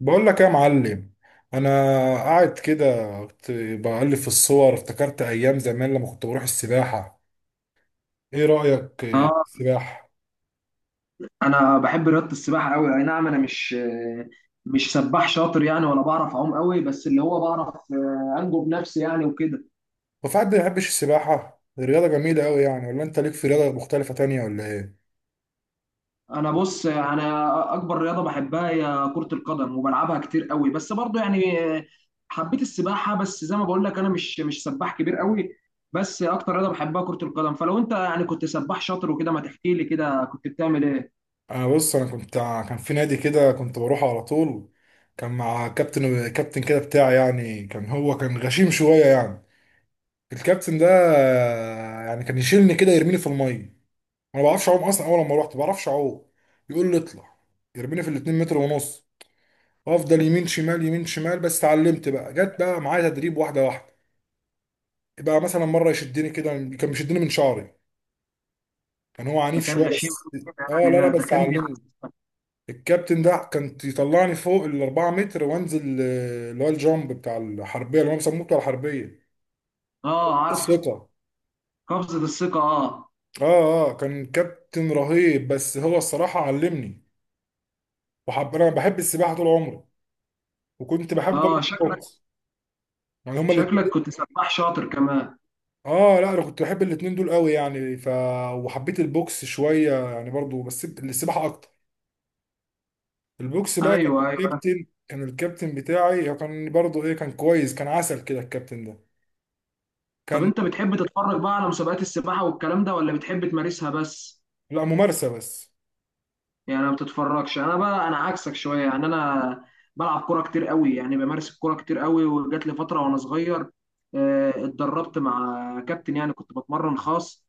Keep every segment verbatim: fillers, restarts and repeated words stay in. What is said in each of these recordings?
بقول لك يا معلم. انا قاعد كده، كنت بقلب في الصور، افتكرت ايام زمان لما كنت بروح السباحه. ايه رايك في اه، السباحه؟ انا بحب رياضه السباحه قوي. اي نعم، انا مش مش سباح شاطر يعني، ولا بعرف اعوم قوي، بس اللي هو بعرف آه، انجو بنفسي يعني وكده. هو في حد ما يحبش السباحه؟ الرياضه جميله قوي يعني، ولا انت ليك في رياضه مختلفه تانية ولا ايه؟ انا بص، انا اكبر رياضه بحبها هي كره القدم، وبلعبها كتير قوي، بس برضو يعني آه، حبيت السباحه. بس زي ما بقول لك انا مش مش سباح كبير قوي، بس اكتر رياضه بحبها كره القدم. فلو انت يعني كنت سباح شاطر وكده، ما تحكي لي كده كنت بتعمل ايه؟ انا بص، انا كنت، كان في نادي كده كنت بروح على طول. كان مع كابتن كابتن كده بتاعي، يعني كان هو كان غشيم شويه يعني. الكابتن ده يعني كان يشيلني كده يرميني في الميه. انا ما بعرفش اعوم اصلا، اول لما رحت ما بعرفش اعوم. يقول لي اطلع، يرميني في الاتنين متر ونص، افضل يمين شمال يمين شمال. بس اتعلمت بقى، جت بقى معايا تدريب واحده واحده. بقى مثلا مره يشدني كده، كان بيشدني من شعري، كان هو ده عنيف كان شويه غشيم بس. كده. اه، لا لا، يعني ده بس كان بيع. علمني. الكابتن ده كان يطلعني فوق ال اربع متر وانزل، آه، اللي هو الجامب بتاع الحربيه اللي هم بيسموه بتاع الحربيه اه عارف. الثقه. قفزه الثقه، اه. اه اه، كان كابتن رهيب، بس هو الصراحه علمني. وحب انا بحب السباحه طول عمري، وكنت بحب برضه اه شكله، الطبخ. يعني هما كنت الاتنين شكلك دول- كنت سباح شاطر كمان. اه لا، انا كنت بحب الاتنين دول قوي يعني. ف وحبيت البوكس شويه يعني برضو، بس السباحه اكتر. البوكس بقى كان ايوه، ايوه. الكابتن كان الكابتن بتاعي، هو كان برضو ايه كان كويس، كان عسل كده الكابتن ده طب كان. انت بتحب تتفرج بقى على مسابقات السباحه والكلام ده، ولا بتحب تمارسها بس؟ لا، ممارسه بس. يعني ما بتتفرجش. انا بقى انا عكسك شويه يعني، انا بلعب كوره كتير قوي، يعني بمارس الكوره كتير قوي، وجات لي فتره وانا صغير آه، اتدربت مع كابتن، يعني كنت بتمرن خاص.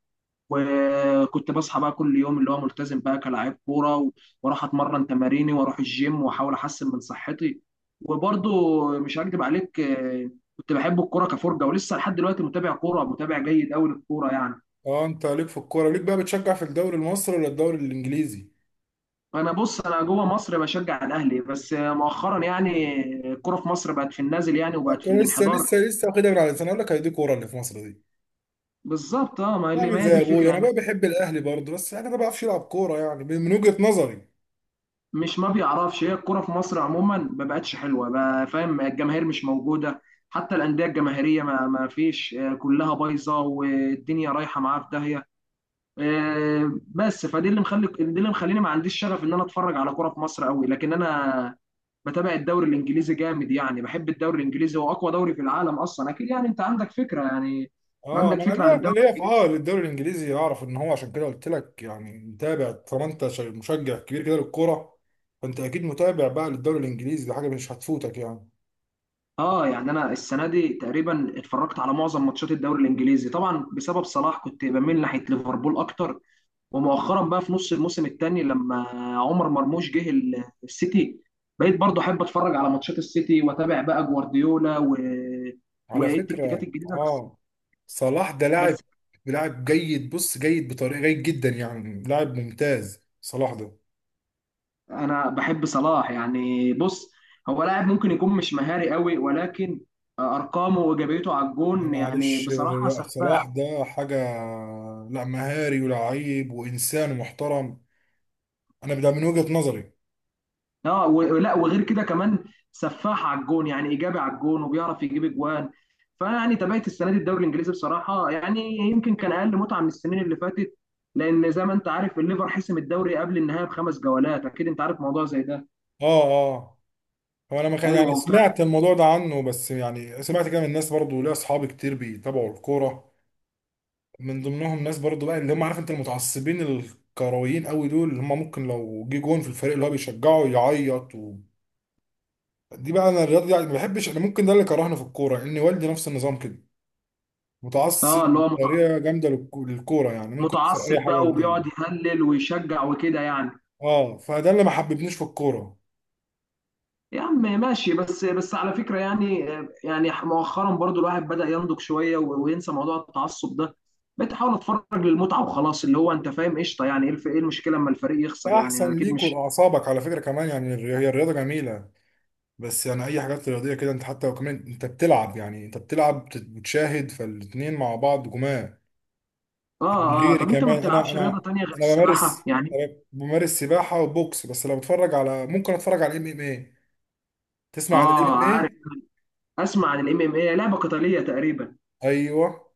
وكنت بصحى بقى كل يوم، اللي هو ملتزم بقى كلاعب كوره و- واروح اتمرن تماريني واروح الجيم واحاول احسن من صحتي. وبرضو مش هكدب عليك آه، كنت بحب الكوره كفرجه، ولسه لحد دلوقتي متابع كوره، متابع جيد قوي للكوره يعني. اه، انت ليك في الكوره، ليك بقى بتشجع في الدوري المصري ولا الدوري الانجليزي؟ انا بص، انا جوه مصر بشجع الاهلي، بس مؤخرا يعني الكوره في مصر بقت في النازل يعني، لا، وبقت في كان لسه الانحدار. لسه لسه واخدها من على لساني، اقول لك هي دي كوره اللي في مصر دي. بالظبط، اه. ما اللي- بعمل ما هي دي زي الفكره ابويا، انا يعني. بقى بحب الاهلي برضو، بس انا ما بعرفش العب كوره يعني من وجهه نظري. مش ما بيعرفش، هي الكوره في مصر عموما ما بقتش حلوه بقى، فاهم؟ الجماهير مش موجوده، حتى الانديه الجماهيريه ما ما فيش آه، كلها بايظه، والدنيا رايحه معاها في داهيه آه، بس فدي اللي مخلي دي اللي مخليني ما عنديش شغف ان انا اتفرج على كوره في مصر قوي. لكن انا بتابع الدوري الانجليزي جامد، يعني بحب الدوري الانجليزي، هو اقوى دوري في العالم اصلا، اكيد يعني انت عندك فكره يعني. اه، عندك ما انا فكره عن ليا الدوري ليا في اه الانجليزي. للدوري الانجليزي، اعرف ان هو عشان كده قلت لك يعني متابع، طالما انت شا- مشجع كبير كده للكوره، فانت اكيد متابع بقى للدوري الانجليزي، دي حاجه مش هتفوتك يعني. اه يعني انا السنه دي تقريبا اتفرجت على معظم ماتشات الدوري الانجليزي، طبعا بسبب صلاح كنت بميل ناحيه ليفربول اكتر. ومؤخرا بقى في نص الموسم الثاني، لما عمر مرموش جه ال- السيتي، بقيت برضه احب اتفرج على ماتشات السيتي، واتابع بقى جوارديولا و... على والتكتيكات فكره الجديده. بس اه، صلاح ده لاعب بس لاعب جيد، بص جيد، بطريقه جيد جدا يعني، لاعب ممتاز صلاح ده. انا بحب صلاح يعني. بص، هو لاعب ممكن يكون مش مهاري قوي، ولكن ارقامه وايجابيته على يعني الجون، يعني معلش، بصراحه لا صلاح سفاحه. ده حاجه، لا مهاري ولاعيب وانسان محترم، انا ده من وجهه نظري. اه، ولا وغير كده كمان، سفاح على الجون، يعني ايجابي على الجون وبيعرف يجيب اجوان. فيعني تابعت السنه دي الدوري الانجليزي بصراحه، يعني يمكن كان اقل متعه من السنين اللي فاتت، لان زي ما انت عارف الليفر حسم الدوري قبل النهايه بخمس جولات، اكيد انت عارف موضوع زي ده. اه اه. هو انا ما كان ايوه يعني وفعلا. سمعت الموضوع ده عنه، بس يعني سمعت كده من الناس برضو، ليا اصحابي كتير بيتابعوا الكوره، من ضمنهم ناس برضو بقى اللي هم عارف انت المتعصبين الكرويين قوي دول، اللي هم ممكن لو جه جون في الفريق اللي هو بيشجعه يعيط و... دي بقى انا الرياضه دي يعني ما بحبش، انا ممكن ده اللي كرهني في الكوره، ان والدي نفس النظام كده متعصب اه، اللي هو متع- بطريقه جامده للك- للكوره، يعني ممكن يكسر اي متعصب حاجه بقى، وبيقعد قدامه. يهلل ويشجع وكده يعني. اه، فده اللي ما حببنيش في الكوره. يا عم ماشي، بس بس على فكرة يعني، يعني مؤخرا برضو الواحد بدأ ينضج شوية و- وينسى موضوع التعصب ده. بقيت احاول اتفرج للمتعة وخلاص، اللي هو انت فاهم، قشطة. يعني ايه الف- إيه المشكلة اما الفريق يخسر؟ يعني احسن اكيد ليك مش. ولاعصابك على فكره كمان يعني. الري- هي الرياضه جميله، بس يعني اي حاجات رياضيه كده، انت حتى لو كمان انت بتلعب يعني، انت بتلعب بت- بتشاهد، فالاتنين مع بعض جماع، اه يعني اه، غيري طب انت ما كمان، انا بتلعبش انا رياضة تانية غير انا السباحة بمارس يعني؟ أنا بمارس سباحه وبوكس، بس لو بتفرج على، ممكن اتفرج على الام ام اي. تسمع عن الام اه ام عارف، اي؟ اسمع عن الام ام اي، لعبة قتالية تقريبا. ايوه،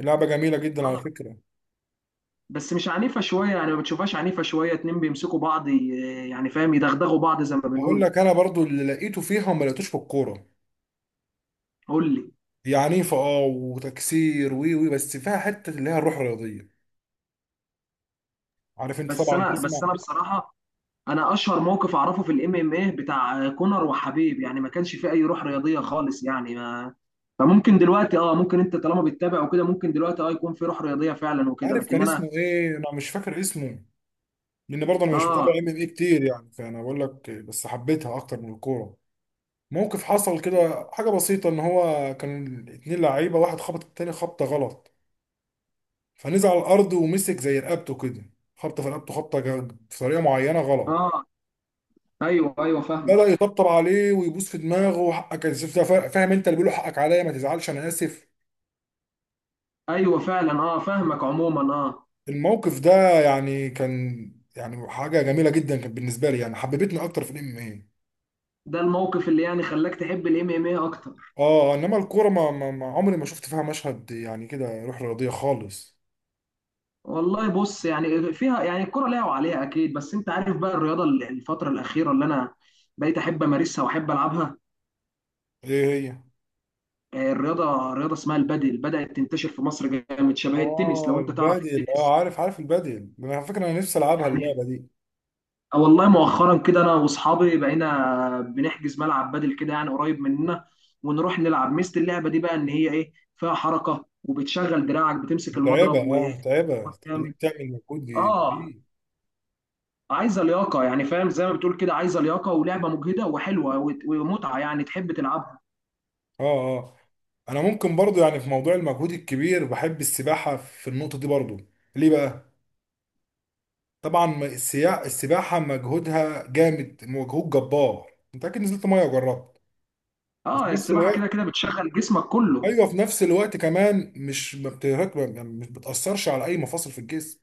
لعبه جميله جدا على اه، فكره. بس مش عنيفة شوية يعني؟ ما بتشوفهاش عنيفة شوية، اتنين بيمسكوا بعض ي- يعني فاهم، يدغدغوا بعض زي ما هقول بنقول. لك انا برضو اللي لقيته فيها وما لقيتوش في الكوره، قول لي. هي عنيفه اه، وتكسير وي وي، بس فيها حته اللي هي الروح الرياضيه، عارف انت بس طبعا انا، بس تسمع. انا بصراحة انا اشهر موقف اعرفه في الام ام ايه بتاع كونر وحبيب، يعني ما كانش فيه اي روح رياضيه خالص يعني، ما. فممكن دلوقتي اه، ممكن انت طالما بتتابع وكده، ممكن دلوقتي اه يكون في روح رياضيه فعلا وكده، عارف لكن كان انا. اسمه ايه، انا مش فاكر اسمه، لان برضه انا مش متابع اه ام ام اي كتير يعني، فانا بقول لك بس حبيتها اكتر من الكوره. موقف حصل كده حاجه بسيطه، ان هو كان اتنين لعيبه، واحد خبط التاني خبطه غلط، فنزل على الارض ومسك زي رقبته كده، خبطه في رقبته خبطه جا- في طريقه معينه غلط. اه، ايوه ايوه بدأ فاهم. يطبطب عليه ويبوس في دماغه، وحقك يا سيف ده، فا- فاهم انت اللي بيقوله، حقك عليا ما تزعلش انا اسف. ايوه فعلا اه فاهمك، عموما. اه، الموقف ده يعني كان يعني حاجه جميله جدا كانت بالنسبه لي يعني، حببتني اكتر في الام. ده الموقف اللي يعني خلاك تحب الام ام ايه اكتر؟ اه، انما الكوره ما, ما, ما عمري ما شفت فيها مشهد يعني كده روح رياضيه خالص. والله بص، يعني فيها يعني الكرة ليها وعليها اكيد، بس انت عارف بقى الرياضه ال- الفتره الاخيره اللي انا بقيت احب امارسها واحب العبها ايه هي؟ آه، الرياضه، رياضه اسمها البادل، بدات تنتشر في مصر جامد، شبه التنس لو اه انت تعرف البادل، التنس اه عارف عارف البادل، انا على فكره انا نفسي العبها يعني اللعبه دي، آه، والله مؤخرا كده انا واصحابي بقينا بنحجز ملعب بادل كده يعني، قريب مننا، ونروح نلعب. ميزه اللعبه دي بقى ان هي ايه، فيها حركه وبتشغل دراعك بتمسك متعبه المضرب اه متعبه، تخليك وجامد. تعمل مجهود اه، كبير. عايزه لياقه يعني، فاهم، زي ما بتقول كده عايزه لياقه، ولعبه مجهده وحلوه وت- ومتعه، يعني تحب تلعبها. اه اه، انا ممكن برضو يعني في موضوع المجهود الكبير بحب السباحه في النقطه دي برضو. ليه بقى؟ طبعا، ما- السيا- السباحه مجهودها جامد، مجهود جبار، انت اكيد نزلت ميه وجربت. وفي اه، نفس السباحه كده الوقت كده بتشغل جسمك كله. ايوه، في نفس الوقت كمان مش، ما بتهك- يعني مش بتاثرش على اي مفاصل في الجسم،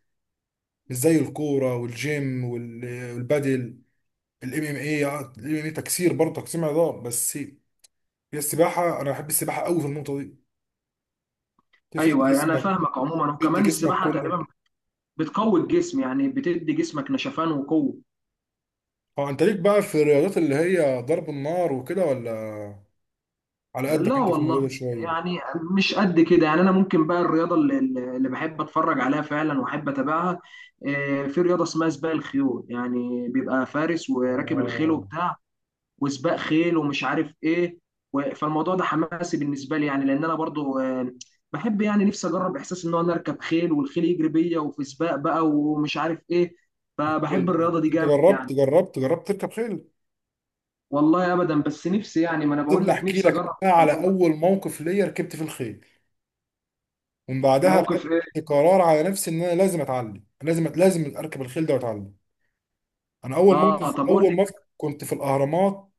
مش زي الكوره والجيم وال- والبادل. الام ام اي الام ام اي تكسير برضه تقسيم عضلات، بس هي السباحه، انا بحب السباحه قوي في النقطه دي، تفرد ايوه انا جسمك، فاهمك عموما، تشد وكمان جسمك السباحه كله. تقريبا بتقوي الجسم، يعني بتدي جسمك نشفان وقوة. اه، انت ليك بقى في الرياضات اللي هي ضرب النار وكده ولا؟ على لا قدك انت في الموضوع والله. ده شويه؟ يعني مش قد كده يعني، انا ممكن بقى الرياضة اللي, اللي بحب اتفرج عليها فعلا واحب اتابعها آه، في رياضة اسمها سباق الخيول، يعني بيبقى فارس وراكب الخيل اه، وبتاع، وسباق خيل ومش عارف ايه، و- فالموضوع ده حماسي بالنسبة لي يعني، لان انا برضو آه، بحب يعني، نفسي اجرب احساس ان انا اركب خيل والخيل يجري بيا وفي سباق بقى ومش عارف ايه، فبحب الرياضة دي انت جامد جربت يعني. جربت جربت تركب خيل؟ والله ابدا، بس نفسي يعني، ما انا بقول سيبني لك احكي نفسي لك اجرب بقى على الموضوع. اول موقف ليا ركبت في الخيل، ومن بعدها خدت موقف ايه؟ قرار على نفسي ان انا لازم اتعلم، لازم لازم اركب الخيل ده واتعلم. انا اول اه موقف طب قول اول لي. موقف كنت في الاهرامات،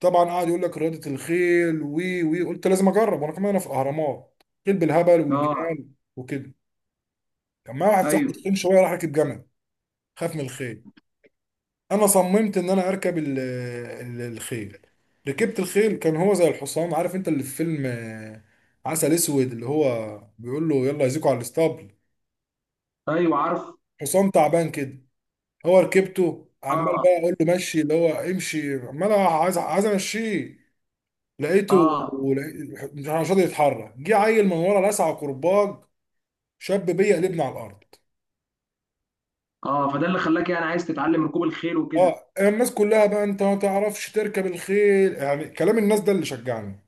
طبعا قاعد يقول لك رياضه الخيل وي وي، قلت لازم اجرب، وانا كمان انا في الاهرامات خيل بالهبل اه، والجمال وكده. كان معايا واحد ايوه صاحبي تخين شويه، راح ركب جمل، خاف من الخيل. انا صممت ان انا اركب ال- ال- الخيل، ركبت الخيل، كان هو زي الحصان، عارف انت اللي في فيلم آه، عسل اسود، اللي هو بيقول له يلا يزيكوا على الاسطبل، ايوه عارف. حصان تعبان كده. هو ركبته عمال اه بقى اقول له مشي، اللي هو امشي عمال عايز عايز امشيه، لقيته، اه لقيت- مش عارف- مش راضي يتحرك. جه عيل من ورا لسعه كرباج، شاب بيا، قلبنا على الارض. اه، فده اللي خلاك يعني عايز تتعلم ركوب الخيل وكده. اه، الناس كلها بقى، انت ما تعرفش تركب الخيل، يعني كلام الناس ده اللي شجعني،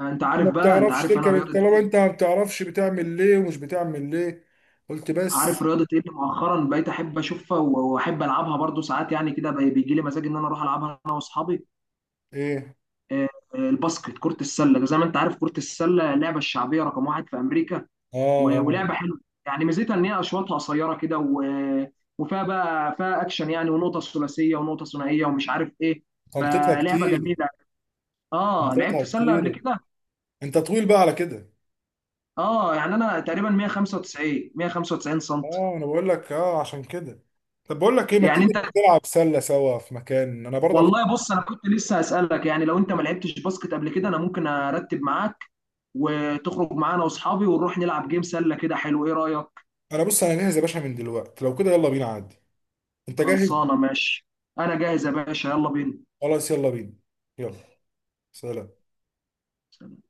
انت انت ما عارف بقى، انت بتعرفش عارف انا تركب رياضه طالما ايه، انت ما بتعرفش بتعمل ليه ومش بتعمل ليه، قلت عارف بس. رياضه ايه اللي مؤخرا بقيت احب اشوفها و- واحب العبها برضو ساعات يعني كده، بي- بيجي لي مزاج ان انا اروح العبها انا واصحابي. ايه؟ آه، آه، الباسكت، كره السله، زي ما انت عارف كره السله اللعبه الشعبيه رقم واحد في امريكا اه و- اه، ولعبه حلوه. يعني ميزتها ان هي اشواطها قصيره كده و- وفيها بقى فيها اكشن يعني، ونقطه ثلاثيه ونقطه ثنائيه ومش عارف ايه، تنطيطها فلعبه كتير، جميله. اه تنطيطها لعبت سله قبل كتير. كده؟ انت طويل بقى على كده. اه يعني انا تقريبا مية وخمسة وتسعين مية وخمسة وتسعين سم. اه، انا بقول لك اه عشان كده. طب بقول لك ايه، ما يعني تيجي نروح انت نلعب سله سوا في مكان، انا برضه على والله فكرة. بص، انا كنت لسه هسالك يعني، لو انت ما لعبتش باسكت قبل كده، انا ممكن ارتب معاك وتخرج معانا واصحابي ونروح نلعب جيم سله كده، حلو؟ ايه رايك؟ انا بص انا جاهز يا باشا من دلوقتي، لو كده يلا بينا عادي. انت جاهز؟ خلصانه ماشي، انا جاهز يا باشا يلا بينا. خلاص يلا بينا، يلا، سلام.